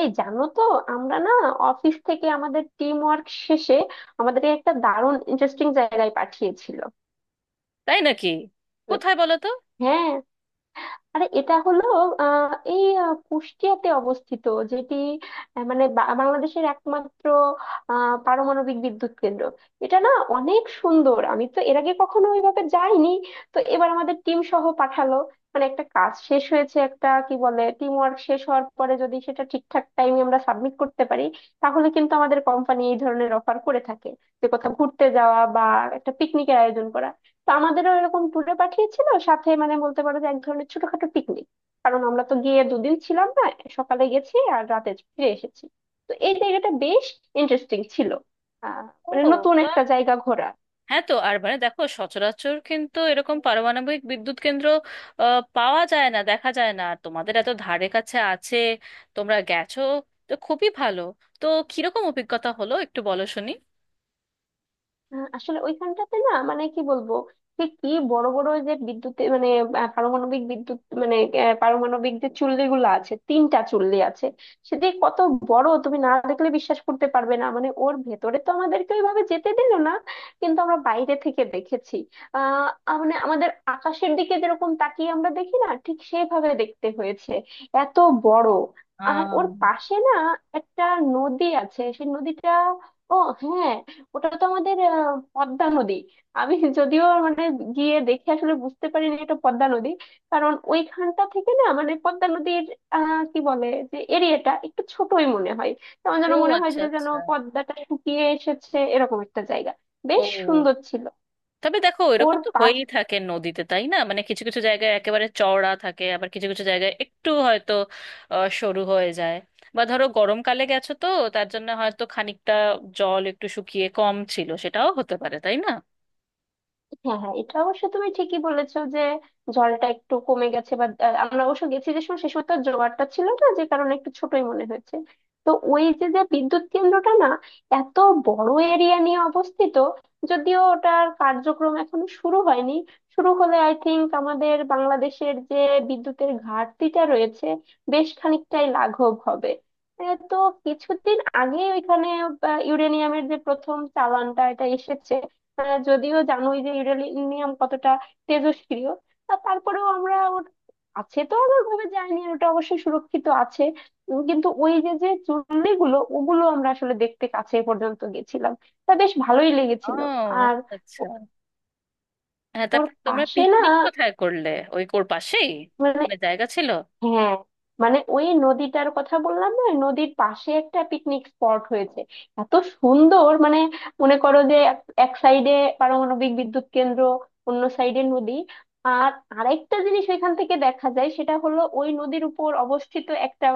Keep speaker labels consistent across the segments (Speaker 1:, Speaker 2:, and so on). Speaker 1: এই জানো তো আমরা না অফিস থেকে আমাদের টিম ওয়ার্ক শেষে আমাদেরকে একটা দারুণ ইন্টারেস্টিং জায়গায় পাঠিয়েছিল।
Speaker 2: তাই নাকি? কোথায় বলো তো?
Speaker 1: হ্যাঁ। আরে এটা হলো কুষ্টিয়াতে অবস্থিত, যেটি মানে বাংলাদেশের একমাত্র পারমাণবিক বিদ্যুৎ কেন্দ্র। এটা না অনেক সুন্দর, আমি তো এর আগে কখনো ওইভাবে যাইনি। তো এবার আমাদের টিম সহ পাঠালো। মানে একটা কাজ শেষ হয়েছে, একটা কি বলে টিম ওয়ার্ক শেষ হওয়ার পরে যদি সেটা ঠিকঠাক টাইমে আমরা সাবমিট করতে পারি, তাহলে কিন্তু আমাদের কোম্পানি এই ধরনের অফার করে থাকে, যে কোথাও ঘুরতে যাওয়া বা একটা পিকনিকের আয়োজন করা। তো আমাদেরও এরকম ট্যুরে পাঠিয়েছিল, সাথে মানে বলতে পারো যে এক ধরনের ছোটখাটো পিকনিক। কারণ আমরা তো গিয়ে দুদিন ছিলাম না, সকালে গেছি আর রাতে ফিরে এসেছি। তো এই জায়গাটা বেশ ইন্টারেস্টিং ছিল, আহ
Speaker 2: ও,
Speaker 1: মানে নতুন
Speaker 2: বাহ।
Speaker 1: একটা জায়গা ঘোরা।
Speaker 2: হ্যাঁ, তো আর মানে দেখো, সচরাচর কিন্তু এরকম পারমাণবিক বিদ্যুৎ কেন্দ্র পাওয়া যায় না, দেখা যায় না, আর তোমাদের এত ধারে কাছে আছে, তোমরা গেছো, তো খুবই ভালো। তো কিরকম অভিজ্ঞতা হলো একটু বলো শুনি।
Speaker 1: আসলে ওইখানটাতে না মানে কি বলবো, সে কি বড় বড় ওই যে বিদ্যুৎ মানে পারমাণবিক বিদ্যুৎ মানে পারমাণবিক যে চুল্লি গুলো আছে, তিনটা চুল্লি আছে। সেটি কত বড় তুমি না দেখলে বিশ্বাস করতে পারবে না। মানে ওর ভেতরে তো আমাদেরকে ওইভাবে যেতে দিল না, কিন্তু আমরা বাইরে থেকে দেখেছি। আহ আহ, মানে আমাদের আকাশের দিকে যেরকম তাকিয়ে আমরা দেখি না, ঠিক সেইভাবে দেখতে হয়েছে, এত বড়। আর
Speaker 2: আহ
Speaker 1: ওর পাশে না একটা নদী আছে, সেই নদীটা, ও হ্যাঁ, ওটা তো আমাদের পদ্মা নদী। আমি যদিও মানে গিয়ে দেখে আসলে বুঝতে পারিনি এটা পদ্মা নদী। কারণ ওইখানটা থেকে না, মানে পদ্মা নদীর আহ কি বলে যে এরিয়াটা একটু ছোটই মনে হয়। তেমন যেন
Speaker 2: ও,
Speaker 1: মনে হয়
Speaker 2: আচ্ছা
Speaker 1: যে যেন
Speaker 2: আচ্ছা।
Speaker 1: পদ্মাটা শুকিয়ে এসেছে এরকম একটা জায়গা। বেশ
Speaker 2: ও,
Speaker 1: সুন্দর ছিল।
Speaker 2: তবে দেখো
Speaker 1: ওর।
Speaker 2: এরকম তো হয়েই থাকে নদীতে, তাই না? মানে কিছু কিছু জায়গায় একেবারে চওড়া থাকে, আবার কিছু কিছু জায়গায় একটু হয়তো সরু হয়ে যায়। বা ধরো গরমকালে গেছো তো, তার জন্য হয়তো খানিকটা জল একটু শুকিয়ে কম ছিল, সেটাও হতে পারে, তাই না?
Speaker 1: হ্যাঁ হ্যাঁ, এটা অবশ্য তুমি ঠিকই বলেছো যে জলটা একটু কমে গেছে। বা আমরা অবশ্য গেছি যে সময়, সে সময় তো আর জোয়ারটা ছিল না, যে কারণে একটু ছোটই মনে হয়েছে। তো ওই যে যে বিদ্যুৎ কেন্দ্রটা না এত বড় এরিয়া নিয়ে অবস্থিত। যদিও ওটার কার্যক্রম এখনো শুরু হয়নি। শুরু হলে আই থিংক আমাদের বাংলাদেশের যে বিদ্যুতের ঘাটতিটা রয়েছে, বেশ খানিকটাই লাঘব হবে। এ, তো কিছুদিন আগে ওইখানে ইউরেনিয়ামের যে প্রথম চালানটা এটা এসেছে। যদিও জানোই যে ইউরেনিয়াম কতটা তেজস্ক্রিয়, তা তারপরেও আমরা ওর আছে তো আবার ভাবে যায়নি, আর ওটা অবশ্যই সুরক্ষিত আছে। কিন্তু ওই যে যে চুল্লিগুলো, ওগুলো আমরা আসলে দেখতে কাছে পর্যন্ত গেছিলাম। তা বেশ ভালোই
Speaker 2: ও,
Speaker 1: লেগেছিল। আর
Speaker 2: আচ্ছা আচ্ছা।
Speaker 1: ও-
Speaker 2: হ্যাঁ,
Speaker 1: ওর
Speaker 2: তারপর তোমরা
Speaker 1: পাশে না,
Speaker 2: পিকনিক কোথায় করলে? ওই কোর পাশেই?
Speaker 1: মানে
Speaker 2: মানে জায়গা ছিল?
Speaker 1: হ্যাঁ, মানে ওই নদীটার কথা বললাম না, ওই নদীর পাশে একটা পিকনিক স্পট হয়েছে। এত সুন্দর, মানে মনে করো যে এক এক সাইডে পারমাণবিক বিদ্যুৎ কেন্দ্র, অন্য সাইডে নদী। আর আরেকটা জিনিস ওইখান থেকে দেখা যায়, সেটা হলো ওই নদীর উপর অবস্থিত একটা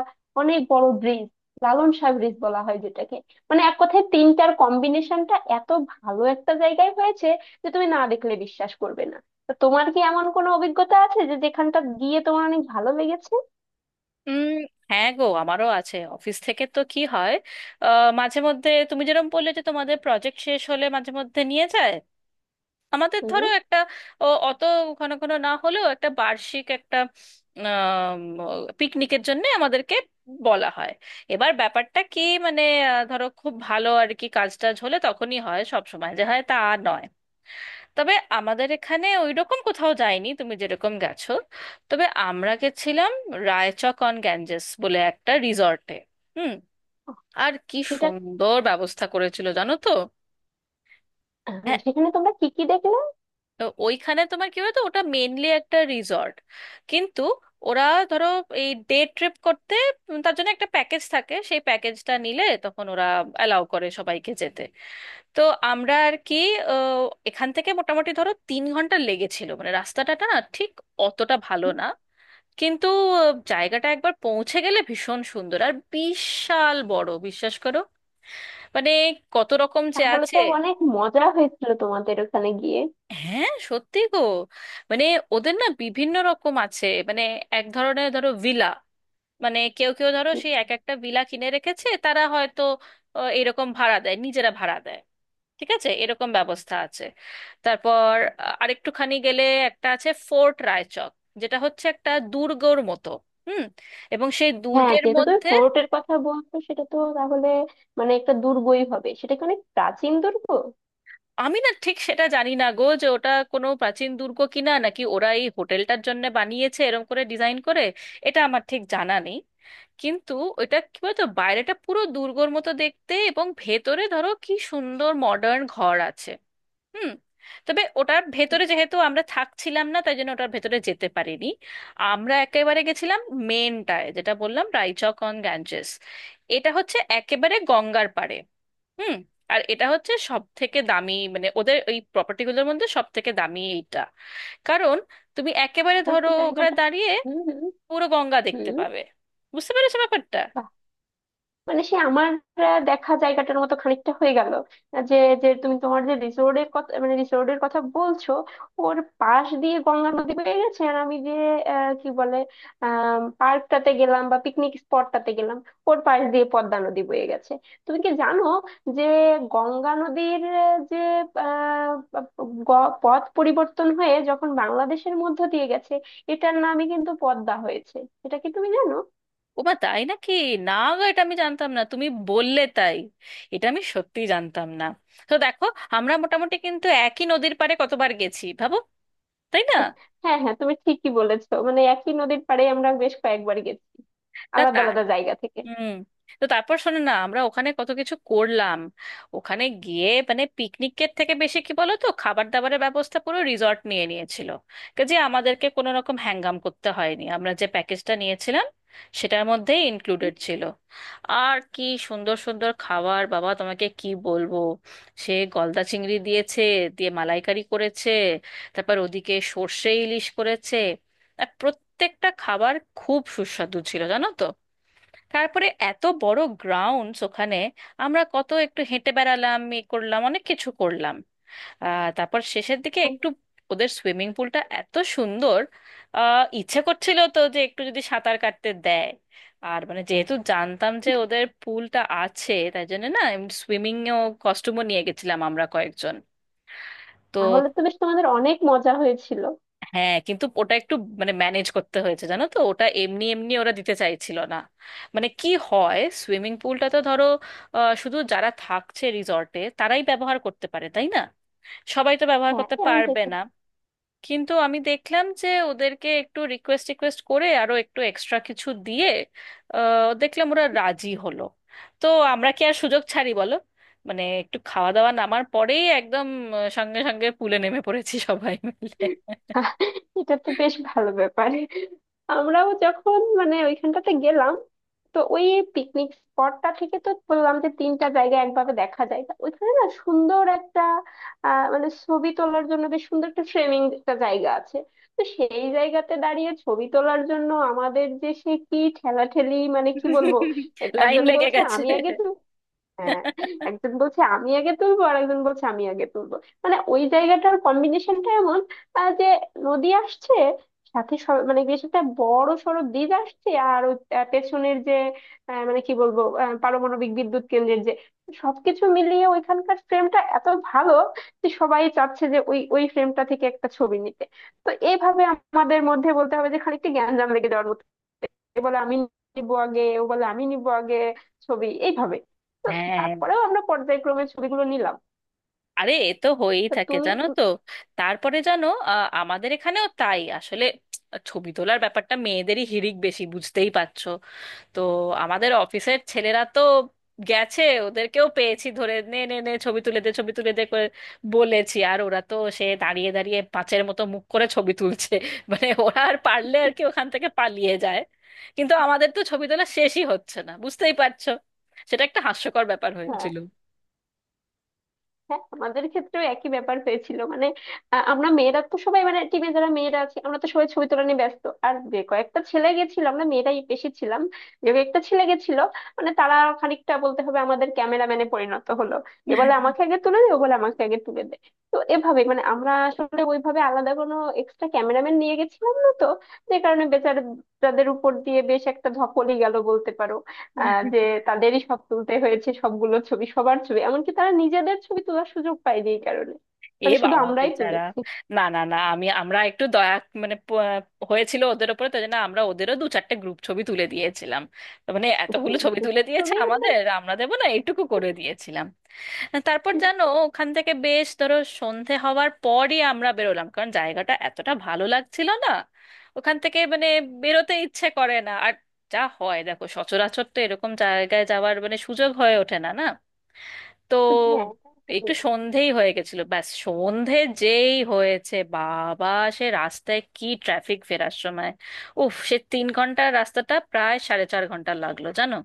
Speaker 1: অনেক বড় ব্রিজ, লালন শাহ ব্রিজ বলা হয় যেটাকে। মানে এক কথায় তিনটার কম্বিনেশনটা এত ভালো একটা জায়গায় হয়েছে যে তুমি না দেখলে বিশ্বাস করবে না। তো তোমার কি এমন কোনো অভিজ্ঞতা আছে যে যেখানটা গিয়ে তোমার অনেক ভালো লেগেছে?
Speaker 2: উম, হ্যাঁ গো, আমারও আছে। অফিস থেকে তো কি হয়, মাঝে মধ্যে তুমি যেরকম বললে যে তোমাদের প্রজেক্ট শেষ হলে মাঝে মধ্যে নিয়ে যায়, আমাদের ধরো
Speaker 1: হুম।
Speaker 2: একটা ও অত ঘন ঘন না হলেও একটা বার্ষিক একটা পিকনিকের জন্য আমাদেরকে বলা হয়। এবার ব্যাপারটা কি মানে, ধরো খুব ভালো আর কি কাজ টাজ হলে তখনই হয়, সব সময় যে হয় তা নয়। তবে আমাদের এখানে ওইরকম কোথাও যায়নি তুমি যেরকম গেছো, তবে আমরা গেছিলাম রায়চক অন গ্যাঞ্জেস বলে একটা রিসর্টে। হুম, আর কি
Speaker 1: সেটা
Speaker 2: সুন্দর ব্যবস্থা করেছিল জানো তো।
Speaker 1: সেখানে তোমরা কি কি দেখলে?
Speaker 2: তো ওইখানে তোমার কি বলতো, ওটা মেনলি একটা রিসর্ট, কিন্তু ওরা ধরো এই ডে ট্রিপ করতে, উম, তার জন্য একটা প্যাকেজ থাকে, সেই প্যাকেজটা নিলে তখন ওরা অ্যালাউ করে সবাইকে যেতে। তো আমরা আর কি, আহ, এখান থেকে মোটামুটি ধরো 3 ঘন্টা লেগেছিল, মানে রাস্তাটা না ঠিক অতটা ভালো
Speaker 1: হুম।
Speaker 2: না, কিন্তু জায়গাটা একবার পৌঁছে গেলে ভীষণ সুন্দর আর বিশাল বড়, বিশ্বাস করো। মানে কত রকম যে
Speaker 1: তাহলে
Speaker 2: আছে।
Speaker 1: তো অনেক মজা হয়েছিল তোমাদের ওখানে গিয়ে?
Speaker 2: হ্যাঁ সত্যি গো, মানে ওদের না বিভিন্ন রকম আছে, মানে এক ধরনের ধরো ভিলা, মানে কেউ কেউ ধরো
Speaker 1: হুম।
Speaker 2: সেই এক একটা ভিলা কিনে রেখেছে, তারা হয়তো এরকম ভাড়া দেয়, নিজেরা ভাড়া দেয়। ঠিক আছে, এরকম ব্যবস্থা আছে। তারপর আরেকটুখানি গেলে একটা আছে ফোর্ট রায়চক, যেটা হচ্ছে একটা দুর্গর মতো। হুম, এবং সেই
Speaker 1: হ্যাঁ,
Speaker 2: দুর্গের
Speaker 1: যেহেতু তুমি
Speaker 2: মধ্যে,
Speaker 1: ফোর্টের কথা বলছো, সেটা তো তাহলে মানে একটা দুর্গই হবে। সেটা কি অনেক প্রাচীন দুর্গ?
Speaker 2: আমি না ঠিক সেটা জানি না গো, যে ওটা কোনো প্রাচীন দুর্গ কিনা, নাকি ওরা এই হোটেলটার জন্য বানিয়েছে এরকম করে ডিজাইন করে, এটা আমার ঠিক জানা নেই। কিন্তু ওটা কি বলতো, বাইরেটা পুরো দুর্গর মতো দেখতে, এবং ভেতরে ধরো কি সুন্দর মডার্ন ঘর আছে। হুম, তবে ওটার ভেতরে যেহেতু আমরা থাকছিলাম না, তাই জন্য ওটার ভেতরে যেতে পারিনি। আমরা একেবারে গেছিলাম মেনটায়, যেটা বললাম, রাইচক অন গ্যাঞ্জেস, এটা হচ্ছে একেবারে গঙ্গার পাড়ে। হুম, আর এটা হচ্ছে সব থেকে দামি, মানে ওদের ওই প্রপার্টিগুলোর মধ্যে সব থেকে দামি এইটা। কারণ তুমি একেবারে
Speaker 1: তাহলে
Speaker 2: ধরো
Speaker 1: তো
Speaker 2: ওখানে
Speaker 1: জায়গাটা,
Speaker 2: দাঁড়িয়ে
Speaker 1: হুম হুম।
Speaker 2: পুরো গঙ্গা দেখতে
Speaker 1: হুম,
Speaker 2: পাবে। বুঝতে পেরেছো ব্যাপারটা?
Speaker 1: মানে সে আমার দেখা জায়গাটার মতো খানিকটা হয়ে গেল। যে যে তুমি তোমার যে রিসোর্টের কথা মানে রিসোর্টের কথা বলছো, ওর পাশ দিয়ে গঙ্গা নদী বয়ে গেছে। আর আমি যে আহ, কি বলে পার্কটাতে গেলাম বা পিকনিক স্পটটাতে গেলাম, ওর পাশ দিয়ে পদ্মা নদী বয়ে গেছে। তুমি কি জানো যে গঙ্গা নদীর আহ, যে আহ, গ- পথ পরিবর্তন হয়ে যখন বাংলাদেশের মধ্য দিয়ে গেছে, এটার নামই কিন্তু পদ্মা হয়েছে? এটা কি তুমি জানো?
Speaker 2: ওমা, তাই নাকি! না গো, এটা আমি জানতাম না, তুমি বললে তাই। এটা আমি সত্যি জানতাম না। তো দেখো, আমরা মোটামুটি কিন্তু একই নদীর পাড়ে কতবার গেছি ভাবো, তাই না?
Speaker 1: হ্যাঁ হ্যাঁ, তুমি ঠিকই বলেছো, মানে একই নদীর পাড়ে আমরা বেশ কয়েকবার গেছি,
Speaker 2: তা তা।
Speaker 1: আলাদা আলাদা জায়গা থেকে।
Speaker 2: হুম। তো তারপর শোনো না, আমরা ওখানে কত কিছু করলাম। ওখানে গিয়ে মানে পিকনিকের থেকে বেশি কি বলো তো, খাবার দাবারের ব্যবস্থা পুরো রিসর্ট নিয়ে নিয়েছিল। কাজে আমাদেরকে কোনো রকম হ্যাঙ্গাম করতে হয়নি, আমরা যে প্যাকেজটা নিয়েছিলাম সেটার মধ্যেই ইনক্লুডেড ছিল। আর কি সুন্দর সুন্দর খাবার, বাবা তোমাকে কি বলবো। সে গলদা চিংড়ি দিয়েছে, দিয়ে মালাইকারি করেছে, তারপর ওদিকে সর্ষে ইলিশ করেছে, আর প্রত্যেকটা খাবার খুব সুস্বাদু ছিল জানো তো। তারপরে এত বড় গ্রাউন্ডস ওখানে, আমরা কত একটু হেঁটে বেড়ালাম, এ করলাম, অনেক কিছু করলাম। তারপর শেষের দিকে
Speaker 1: উম,
Speaker 2: একটু ওদের সুইমিং পুলটা এত সুন্দর, ইচ্ছে করছিল তো যে একটু যদি সাঁতার কাটতে দেয়। আর মানে যেহেতু জানতাম যে ওদের পুলটা আছে তাই জন্য না, সুইমিং এও কস্টিউমও নিয়ে গেছিলাম আমরা কয়েকজন। তো
Speaker 1: তাহলে তো বেশ তোমাদের অনেক মজা হয়েছিল।
Speaker 2: হ্যাঁ, কিন্তু ওটা একটু মানে ম্যানেজ করতে হয়েছে জানো তো, ওটা এমনি এমনি ওরা দিতে চাইছিল না। মানে কি হয়, সুইমিং পুলটা তো ধরো শুধু যারা থাকছে রিসর্টে তারাই ব্যবহার করতে পারে, তাই না? সবাই তো ব্যবহার
Speaker 1: হ্যাঁ
Speaker 2: করতে
Speaker 1: এমনটাই
Speaker 2: পারবে
Speaker 1: তো।
Speaker 2: না। কিন্তু আমি দেখলাম যে ওদেরকে একটু রিকোয়েস্ট রিকোয়েস্ট করে আরো একটু এক্সট্রা কিছু দিয়ে দেখলাম ওরা রাজি হলো। তো আমরা কি আর সুযোগ ছাড়ি, বলো? মানে একটু খাওয়া দাওয়া নামার পরেই একদম সঙ্গে সঙ্গে পুলে নেমে পড়েছি সবাই মিলে।
Speaker 1: আহ, এটা তো বেশ ভালো ব্যাপার। আমরাও যখন মানে ওইখানটাতে গেলাম, তো ওই পিকনিক স্পটটা থেকে তো বললাম যে তিনটা জায়গা একভাবে দেখা যায়, তা ওইখানে না সুন্দর একটা মানে ছবি তোলার জন্য বেশ সুন্দর একটা ফ্রেমিং একটা জায়গা আছে। তো সেই জায়গাতে দাঁড়িয়ে ছবি তোলার জন্য আমাদের যে সে কি ঠেলাঠেলি, মানে কি বলবো,
Speaker 2: লাইন
Speaker 1: একজন
Speaker 2: লেগে
Speaker 1: বলছে
Speaker 2: গেছে।
Speaker 1: আমি আগে। হ্যাঁ। একজন বলছে আমি আগে তুলবো, আর একজন বলছে আমি আগে তুলবো। মানে ওই জায়গাটার কম্বিনেশনটা এমন, যে নদী আসছে, সাথে মানে বেশ একটা বড় সড়ো ব্রিজ আসছে, আর ওই পেছনের যে আহ, মানে কি বলবো আহ, পারমাণবিক বিদ্যুৎ কেন্দ্রের যে সবকিছু মিলিয়ে ওইখানকার ফ্রেমটা এত ভালো, যে সবাই চাচ্ছে যে ওই ওই ফ্রেমটা থেকে একটা ছবি নিতে। তো এইভাবে আমাদের মধ্যে বলতে হবে যে খানিকটা জ্ঞানজাম লেগে যাওয়ার মতো। এ বলে আমি নিবো আগে, ও বলে আমি নিবো আগে ছবি এইভাবে। তো
Speaker 2: হ্যাঁ,
Speaker 1: তারপরেও আমরা পর্যায়ক্রমে ছবিগুলো নিলাম।
Speaker 2: আরে এ তো হয়েই
Speaker 1: তো
Speaker 2: থাকে
Speaker 1: তুমি।
Speaker 2: জানো তো। তারপরে জানো, আমাদের এখানেও তাই আসলে, ছবি তোলার ব্যাপারটা মেয়েদেরই হিড়িক বেশি, বুঝতেই পারছো। তো আমাদের অফিসের ছেলেরা তো গেছে, ওদেরকেও পেয়েছি, ধরে নে নে নে ছবি তুলে দে, ছবি তুলে দে করে বলেছি, আর ওরা তো সে দাঁড়িয়ে দাঁড়িয়ে পাঁচের মতো মুখ করে ছবি তুলছে। মানে ওরা আর পারলে আর কি ওখান থেকে পালিয়ে যায়। কিন্তু আমাদের তো ছবি তোলা শেষই হচ্ছে না, বুঝতেই পারছো। সেটা একটা হাস্যকর ব্যাপার
Speaker 1: হ্যাঁ
Speaker 2: হয়েছিল।
Speaker 1: হ্যাঁ, আমাদের ক্ষেত্রেও একই ব্যাপার হয়েছিল, মানে আমরা মেয়েরা তো সবাই, মানে টিমে যারা মেয়েরা আছে আমরা তো সবাই ছবি তোলা নিয়ে ব্যস্ত। আর যে কয়েকটা ছেলে গেছিল, আমরা মেয়েরাই বেশি ছিলাম, যে কয়েকটা ছেলে গেছিল, মানে তারা খানিকটা বলতে হবে আমাদের ক্যামেরাম্যানে পরিণত হলো। এ বলে আমাকে আগে তুলে দে, ও বলে আমাকে আগে তুলে দে। তো এভাবে, মানে আমরা আসলে ওইভাবে আলাদা কোনো এক্সট্রা ক্যামেরাম্যান নিয়ে গেছিলাম না তো, যে কারণে বেচারাদের উপর দিয়ে বেশ একটা ধকলই গেল বলতে পারো। যে তাদেরই সব তুলতে হয়েছে, সবগুলো ছবি, সবার ছবি। এমনকি তারা নিজেদের ছবি তোলার সুযোগ পায়নি এই কারণে,
Speaker 2: এ
Speaker 1: মানে শুধু
Speaker 2: বাবা,
Speaker 1: আমরাই
Speaker 2: বেচারা।
Speaker 1: তুলেছি
Speaker 2: না না না, আমরা একটু দয়া মানে হয়েছিল ওদের ওপরে, তাই জন্য আমরা ওদেরও দু চারটে গ্রুপ ছবি তুলে দিয়েছিলাম। তো মানে এতগুলো ছবি
Speaker 1: group
Speaker 2: তুলে দিয়েছে
Speaker 1: ছবি আমরা।
Speaker 2: আমাদের, আমরা দেবো না? এইটুকু করে দিয়েছিলাম। তারপর জানো, ওখান থেকে বেশ ধরো সন্ধে হওয়ার পরই আমরা বেরোলাম, কারণ জায়গাটা এতটা ভালো লাগছিল না ওখান থেকে মানে বেরোতে ইচ্ছে করে না আর। যা হয় দেখো, সচরাচর তো এরকম জায়গায় যাওয়ার মানে সুযোগ হয়ে ওঠে না না। তো
Speaker 1: হ্যাঁ তা ঠিক।
Speaker 2: একটু সন্ধেই হয়ে গেছিল, ব্যাস সন্ধে যেই হয়েছে, বাবা সে রাস্তায় কি ট্রাফিক ফেরার সময়। উফ, সে 3 ঘন্টার রাস্তাটা প্রায় 4.5 ঘন্টা লাগলো জানো।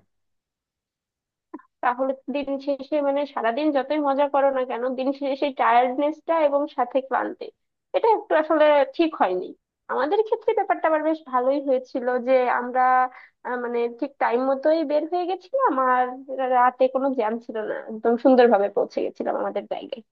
Speaker 1: তাহলে দিন শেষে মানে সারাদিন যতই মজা করো না কেন, দিন শেষে সেই টায়ার্ডনেসটা এবং সাথে ক্লান্তি, এটা একটু আসলে ঠিক হয়নি। আমাদের ক্ষেত্রে ব্যাপারটা আবার বেশ ভালোই হয়েছিল যে আমরা মানে ঠিক টাইম মতোই বের হয়ে গেছিলাম, আর রাতে কোনো জ্যাম ছিল না, একদম সুন্দরভাবে পৌঁছে গেছিলাম আমাদের জায়গায়।